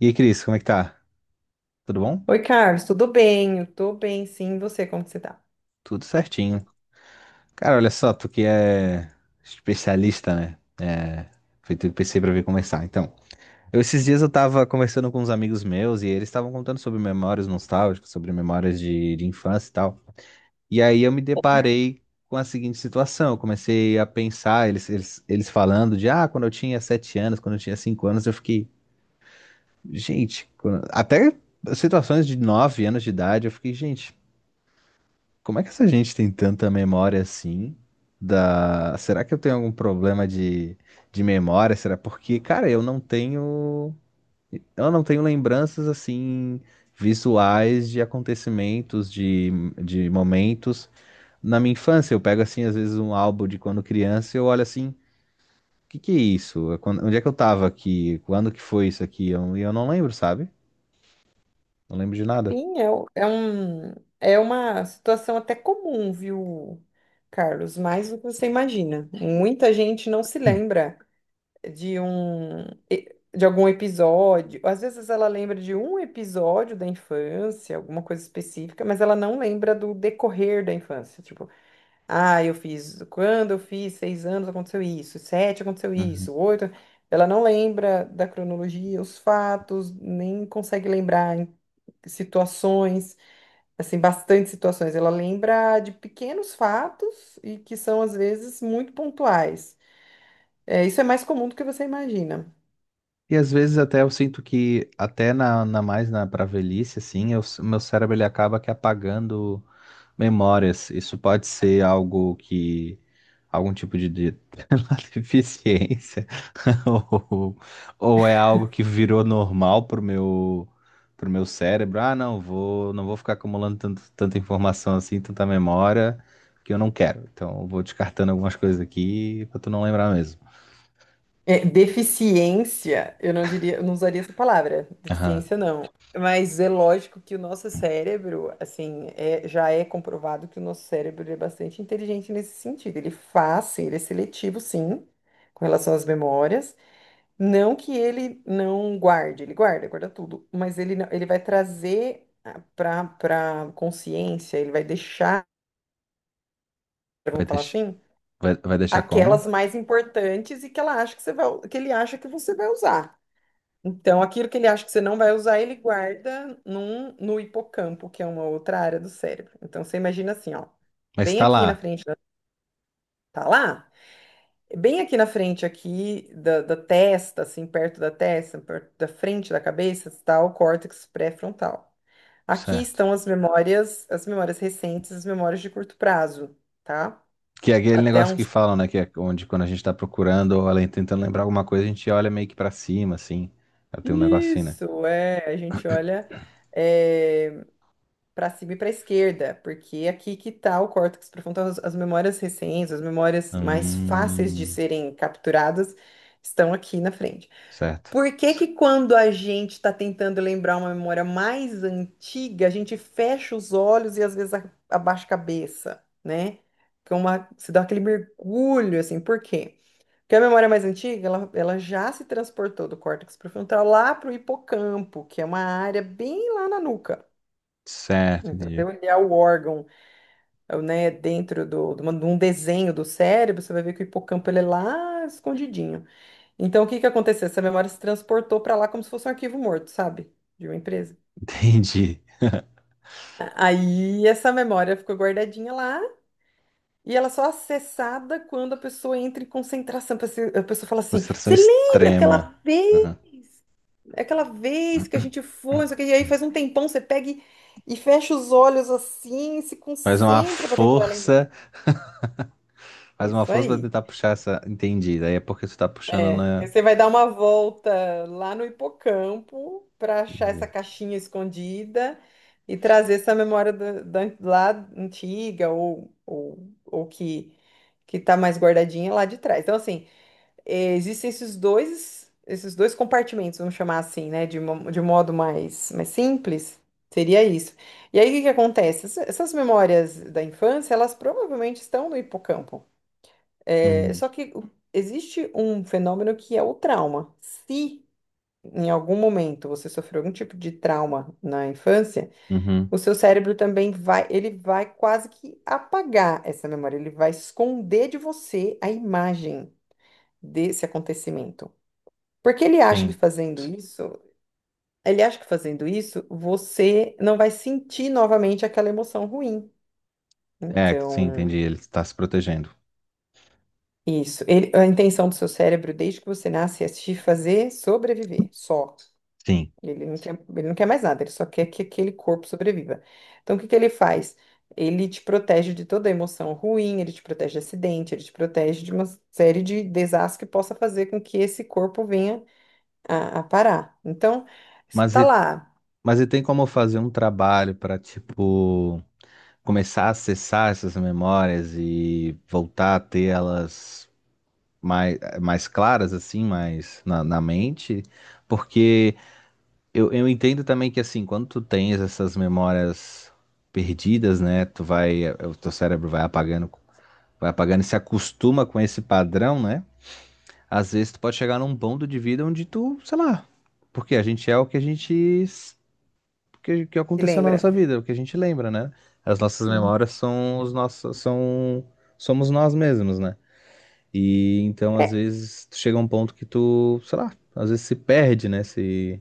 E aí, Cris, como é que tá? Tudo bom? Oi, Carlos, tudo bem? Eu tô bem, sim. E você, como que você tá? Tudo certinho. Cara, olha só, tu que é especialista, né? Foi tudo que pensei pra vir conversar. Então, esses dias eu tava conversando com uns amigos meus e eles estavam contando sobre memórias nostálgicas, sobre memórias de infância e tal. E aí eu me deparei com a seguinte situação. Eu comecei a pensar, eles falando de, ah, quando eu tinha 7 anos, quando eu tinha 5 anos, eu fiquei, gente, até situações de 9 anos de idade, eu fiquei, gente. Como é que essa gente tem tanta memória assim? Será que eu tenho algum problema de memória? Será porque, cara, eu não tenho. Eu não tenho lembranças assim visuais de acontecimentos, de momentos. Na minha infância, eu pego assim, às vezes, um álbum de quando criança e eu olho assim, o que que é isso? Onde é que eu tava aqui? Quando que foi isso aqui? Não lembro, sabe? Não lembro de nada. Sim, é, é uma situação até comum, viu, Carlos? Mais do que você imagina. Muita gente não se lembra de um de algum episódio. Às vezes ela lembra de um episódio da infância, alguma coisa específica, mas ela não lembra do decorrer da infância. Tipo, ah, quando eu fiz 6 anos aconteceu isso, sete aconteceu Uhum. isso, oito. Ela não lembra da cronologia, os fatos, nem consegue lembrar situações assim, bastante situações. Ela lembra de pequenos fatos e que são, às vezes, muito pontuais. É, isso é mais comum do que você imagina. E às vezes até eu sinto que, até na, na mais na para velhice, assim, eu, meu cérebro ele acaba que apagando memórias. Isso pode ser algo que, algum tipo de sei lá, deficiência, ou, ou é algo que virou normal pro meu cérebro. Ah, não, não vou ficar acumulando tanto, tanta informação assim, tanta memória, que eu não quero. Então, eu vou descartando algumas coisas aqui pra tu não lembrar mesmo. É, deficiência, eu não diria, eu não usaria essa palavra, Aham. deficiência não. Mas é lógico que o nosso cérebro, assim, já é comprovado que o nosso cérebro é bastante inteligente nesse sentido. Ele faz, sim, ele é seletivo, sim, com relação às memórias. Não que ele não guarde, ele guarda, guarda tudo, mas ele, ele vai trazer para consciência, ele vai deixar, Vai, vamos falar deix- assim, vai, vai deixar como? aquelas mais importantes e que ela acha que você vai, que ele acha que você vai usar. Então, aquilo que ele acha que você não vai usar, ele guarda no hipocampo, que é uma outra área do cérebro. Então, você imagina assim, ó, Mas bem tá aqui na lá, frente da tá lá bem aqui na frente, aqui da testa, assim, perto da testa, perto da frente da cabeça, está o córtex pré-frontal. Aqui certo. estão as memórias recentes, as memórias de curto prazo, tá? Que é aquele Até negócio que uns. falam, né? Que é onde quando a gente tá procurando ou além tentando lembrar alguma coisa, a gente olha meio que pra cima, assim. Ela tem um negócio assim, né? Isso, é, a gente olha para cima e para esquerda, porque é aqui que está o córtex pré-frontal, as memórias recentes, as memórias mais fáceis de Hum, serem capturadas estão aqui na frente. certo. Por que que quando a gente está tentando lembrar uma memória mais antiga, a gente fecha os olhos e às vezes abaixa a cabeça, né? Que é se dá aquele mergulho, assim, por quê? Porque a memória mais antiga, ela já se transportou do córtex prefrontal lá para o hipocampo, que é uma área bem lá na nuca. Certo, Então, se você entendi. olhar o órgão, né, dentro de um desenho do cérebro, você vai ver que o hipocampo ele é lá escondidinho. Então, o que que aconteceu? Essa memória se transportou para lá como se fosse um arquivo morto, sabe? De uma empresa. Entendi. Aí essa memória ficou guardadinha lá e ela só é acessada quando a pessoa entra em concentração. A pessoa fala assim: Concentração Você lembra extrema. Vez, Aham. aquela vez que a gente foi? Não sei o quê?" E aí faz um tempão você pega e fecha os olhos assim, se Faz uma concentra para tentar lembrar. força, faz uma Isso força pra aí. tentar puxar essa. Entendi. Daí é porque tu tá puxando É, na. porque você vai dar uma volta lá no hipocampo para achar essa Entendi. caixinha escondida e trazer essa memória lá antiga ou, ou que que está mais guardadinha lá de trás. Então, assim, existem esses dois compartimentos, vamos chamar assim, né, de modo mais simples. Seria isso. E aí, o que que acontece? Essas memórias da infância, elas provavelmente estão no hipocampo. É, Uhum. só que existe um fenômeno que é o trauma. Se em algum momento você sofreu algum tipo de trauma na infância, Uhum. o seu cérebro também vai, ele vai quase que apagar essa memória, ele vai esconder de você a imagem desse acontecimento. Porque Sim. Ele acha que fazendo isso, você não vai sentir novamente aquela emoção ruim. É, sim, Então, entendi. Ele tá se protegendo. isso. A intenção do seu cérebro, desde que você nasce, é te fazer sobreviver, só. Sim. Ele não quer mais nada, ele só quer que aquele corpo sobreviva. Então, o que que ele faz? Ele te protege de toda emoção ruim, ele te protege de acidente, ele te protege de uma série de desastres que possa fazer com que esse corpo venha a parar. Então, você Mas tá e- lá, Mas e tem como fazer um trabalho para, tipo, começar a acessar essas memórias e voltar a ter elas mais claras, assim, mais na mente? Porque eu entendo também que, assim, quando tu tens essas memórias perdidas, né, tu vai, o teu cérebro vai apagando e se acostuma com esse padrão, né? Às vezes tu pode chegar num ponto de vida onde tu, sei lá, porque a gente é o que a gente que se aconteceu na lembra? nossa vida, o que a gente lembra, né? As nossas Hum. memórias são os nossos, são, somos nós mesmos, né? E então, às É, vezes, tu chega a um ponto que tu, sei lá, às vezes se perde, né? Se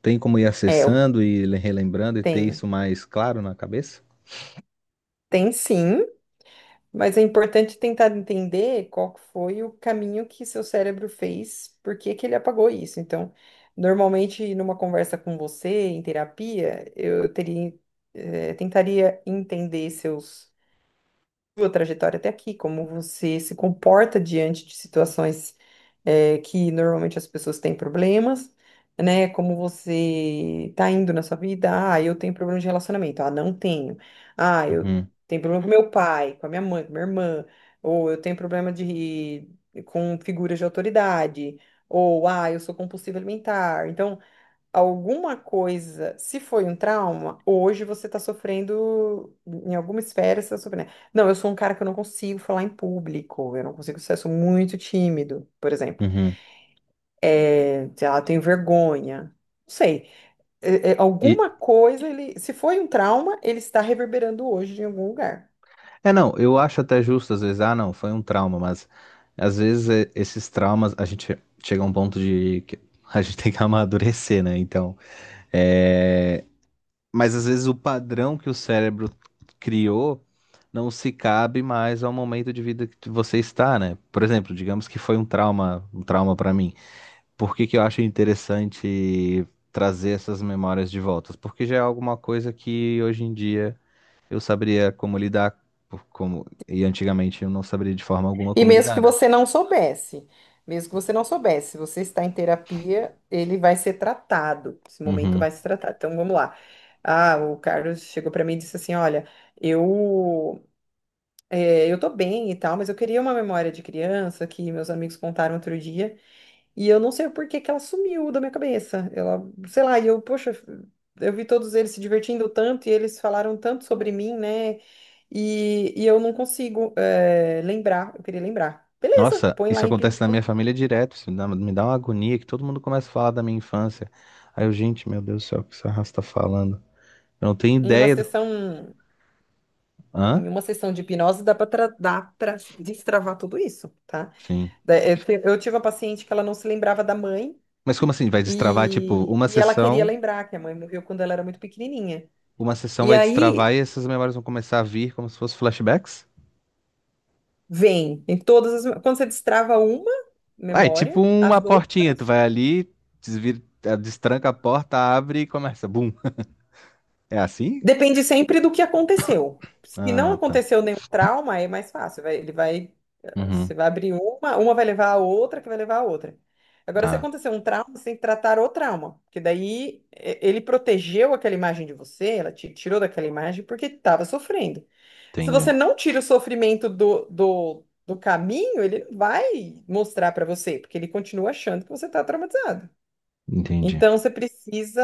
tem como ir é, acessando e relembrando e ter isso tem, mais claro na cabeça. tem sim. Mas é importante tentar entender qual que foi o caminho que seu cérebro fez, por que que ele apagou isso. Então, normalmente, numa conversa com você, em terapia, tentaria entender seus sua trajetória até aqui, como você se comporta diante de situações que normalmente as pessoas têm problemas, né? Como você tá indo na sua vida, ah, eu tenho problema de relacionamento, ah, não tenho. Ah, eu Uhum, tenho problema com meu pai, com a minha mãe, com minha irmã, ou eu tenho problema de com figuras de autoridade, ou ah, eu sou compulsivo alimentar. Então, alguma coisa, se foi um trauma, hoje você está sofrendo, em alguma esfera você está sofrendo. Não, eu sou um cara que eu não consigo falar em público, eu não consigo ser, eu sou muito tímido, por exemplo. uhum. É, sei lá, eu tenho vergonha. Não sei. E, Alguma coisa, ele, se foi um trauma, ele está reverberando hoje em algum lugar. é, não, eu acho até justo, às vezes, ah, não, foi um trauma, mas às vezes é, esses traumas, a gente chega a um ponto de que a gente tem que amadurecer, né? Então, é. Mas às vezes o padrão que o cérebro criou não se cabe mais ao momento de vida que você está, né? Por exemplo, digamos que foi um trauma para mim. Por que que eu acho interessante trazer essas memórias de volta? Porque já é alguma coisa que hoje em dia eu saberia como lidar, como e antigamente eu não saberia de forma alguma E como lidar, né? Mesmo que você não soubesse, se você está em terapia, ele vai ser tratado. Esse momento Uhum. vai se tratar. Então vamos lá. Ah, o Carlos chegou para mim e disse assim: Olha, eu eu tô bem e tal, mas eu queria uma memória de criança que meus amigos contaram outro dia. E eu não sei por que que ela sumiu da minha cabeça. Ela, sei lá, e eu, poxa, eu vi todos eles se divertindo tanto e eles falaram tanto sobre mim, né? E eu não consigo lembrar, eu queria lembrar. Beleza, Nossa, põe lá isso acontece na minha família direto. Isso me dá uma agonia que todo mundo começa a falar da minha infância. Aí eu, gente, meu Deus do céu, o que essa raça tá falando? Eu não tenho em uma ideia do. sessão, em Hã? uma sessão de hipnose dá para destravar tudo isso, tá? Sim. Eu tive uma paciente que ela não se lembrava da mãe Mas como assim? Vai destravar, tipo, e, e ela queria lembrar que a mãe morreu quando ela era muito pequenininha. uma sessão E vai destravar aí e essas memórias vão começar a vir como se fossem flashbacks? vem em todas as. Quando você destrava uma Ah, é tipo memória, uma as portinha. Tu outras. vai ali, desvira, destranca a porta, abre e começa. Bum. É assim? Depende sempre do que aconteceu. Se não Ah, tá. aconteceu nenhum trauma, é mais fácil. Ele vai. Uhum, Você vai abrir uma vai levar a outra, que vai levar a outra. Agora, se tá. acontecer um trauma, você tem que tratar o trauma. Porque daí ele protegeu aquela imagem de você, ela te tirou daquela imagem porque estava sofrendo. Se você Entendi. não tira o sofrimento do caminho, ele não vai mostrar para você, porque ele continua achando que você está traumatizado. Entendi. Então você precisa.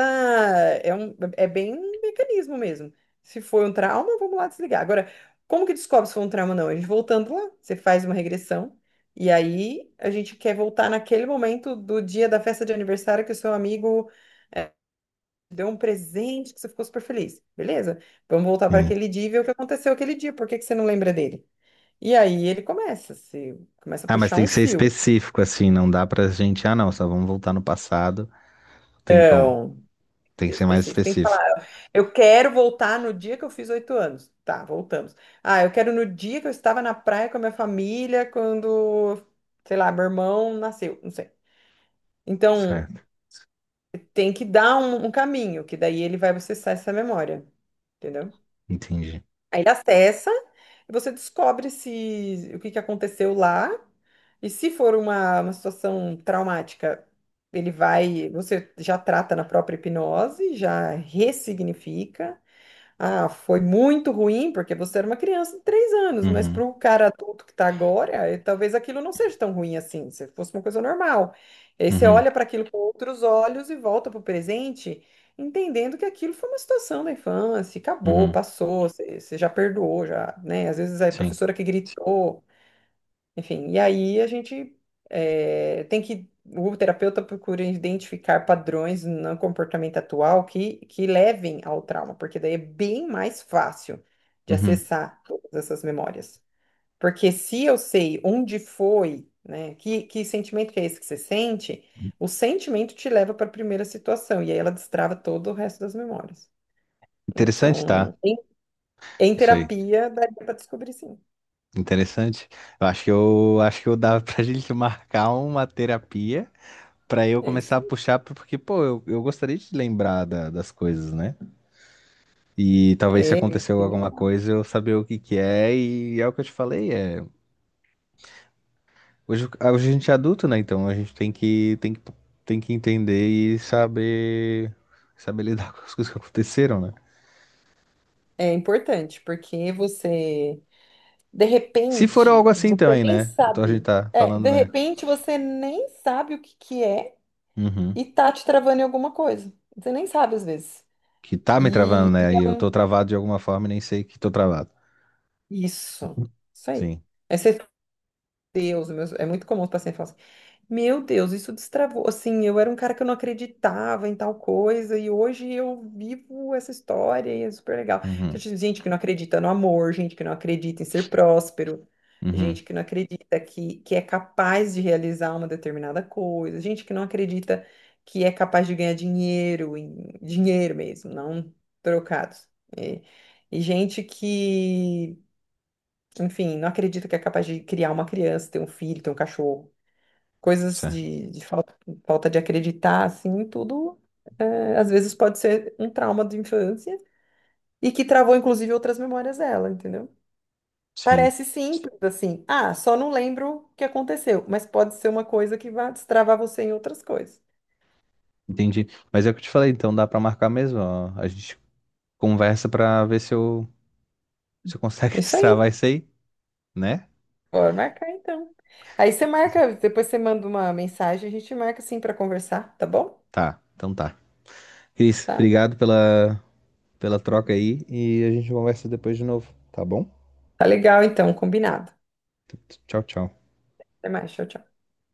É bem um mecanismo mesmo. Se foi um trauma, vamos lá desligar. Agora, como que descobre se foi um trauma ou não? A gente voltando lá, você faz uma regressão, e aí a gente quer voltar naquele momento do dia da festa de aniversário que o seu amigo eh, deu um presente, que você ficou super feliz. Beleza? Vamos voltar para aquele dia e ver o que aconteceu aquele dia. Por que que você não lembra dele? E aí se começa a Ah, mas puxar tem um que ser fio. específico, assim, não dá pra gente, ah, não, só vamos voltar no passado. Tem com, Então, tem que ser mais específico. Tem que falar. específico. Eu quero voltar no dia que eu fiz 8 anos. Tá, voltamos. Ah, eu quero no dia que eu estava na praia com a minha família, quando, sei lá, meu irmão nasceu, não sei. Então, Certo, tem que dar um caminho, que daí ele vai acessar essa memória, entendeu? entendi. Aí ele acessa e você descobre se o que que aconteceu lá. E se for uma situação traumática, você já trata na própria hipnose, já ressignifica. Ah, foi muito ruim porque você era uma criança de 3 anos, mas para Uhum, o cara adulto que está agora, talvez aquilo não seja tão ruim assim, se fosse uma coisa normal. E aí você uhum, olha para aquilo com outros olhos e volta para o presente, entendendo que aquilo foi uma situação da infância, acabou, uhum, passou, você já perdoou, já, né? Às vezes é a sim. professora que gritou, enfim, e aí a gente tem que. O terapeuta procura identificar padrões no comportamento atual que levem ao trauma, porque daí é bem mais fácil de Uhum. acessar todas essas memórias. Porque se eu sei onde foi, né, que sentimento que é esse que você sente, o sentimento te leva para a primeira situação, e aí ela destrava todo o resto das memórias. Interessante, tá? Então, em Isso aí. terapia, daria para descobrir sim. Interessante. Eu acho que eu dava pra gente marcar uma terapia pra eu É começar isso a aí. puxar, porque, pô, eu gostaria de lembrar das coisas, né? E talvez se É, aconteceu bem alguma coisa eu saber o que que é, e é o que eu te falei, é. Hoje, ah, hoje a gente é adulto, né? Então a gente tem que, tem que entender e saber, saber lidar com as coisas que aconteceram, né? É importante, porque você, de Se for algo repente, assim você também, nem né? Então a gente sabe. tá É, falando, de né? repente você nem sabe o que que é Uhum. e tá te travando em alguma coisa. Você nem sabe às vezes. Que tá me E, travando, e né? E é eu tô travado de alguma forma e nem sei que tô travado. isso. Isso aí. Sim. Aí você É muito comum os pacientes falarem assim, meu Deus, isso destravou, assim, eu era um cara que eu não acreditava em tal coisa, e hoje eu vivo essa história, e é super legal. Então, Uhum. tipo, gente que não acredita no amor, gente que não acredita em ser próspero, Uhum. gente que não acredita que é capaz de realizar uma determinada coisa, gente que não acredita que é capaz de ganhar dinheiro, dinheiro mesmo, não trocados. E, e gente que enfim, não acredita que é capaz de criar uma criança, ter um filho, ter um cachorro. Coisas Certo. de falta de acreditar, assim, tudo é, às vezes pode ser um trauma de infância e que travou, inclusive, outras memórias dela, entendeu? Sim. Parece simples, assim. Ah, só não lembro o que aconteceu, mas pode ser uma coisa que vai destravar você em outras coisas. Entendi. Mas é o que eu te falei, então dá pra marcar mesmo, ó. A gente conversa pra ver se se eu consegue Isso aí, destravar isso aí, né? bora marcar então. Aí você marca, depois você manda uma mensagem, a gente marca assim para conversar, tá bom? Tá. Então tá. Cris, Tá? obrigado pela troca aí e a gente conversa depois de novo, tá bom? Tá legal então, combinado. Tchau, tchau. Até mais, tchau, tchau.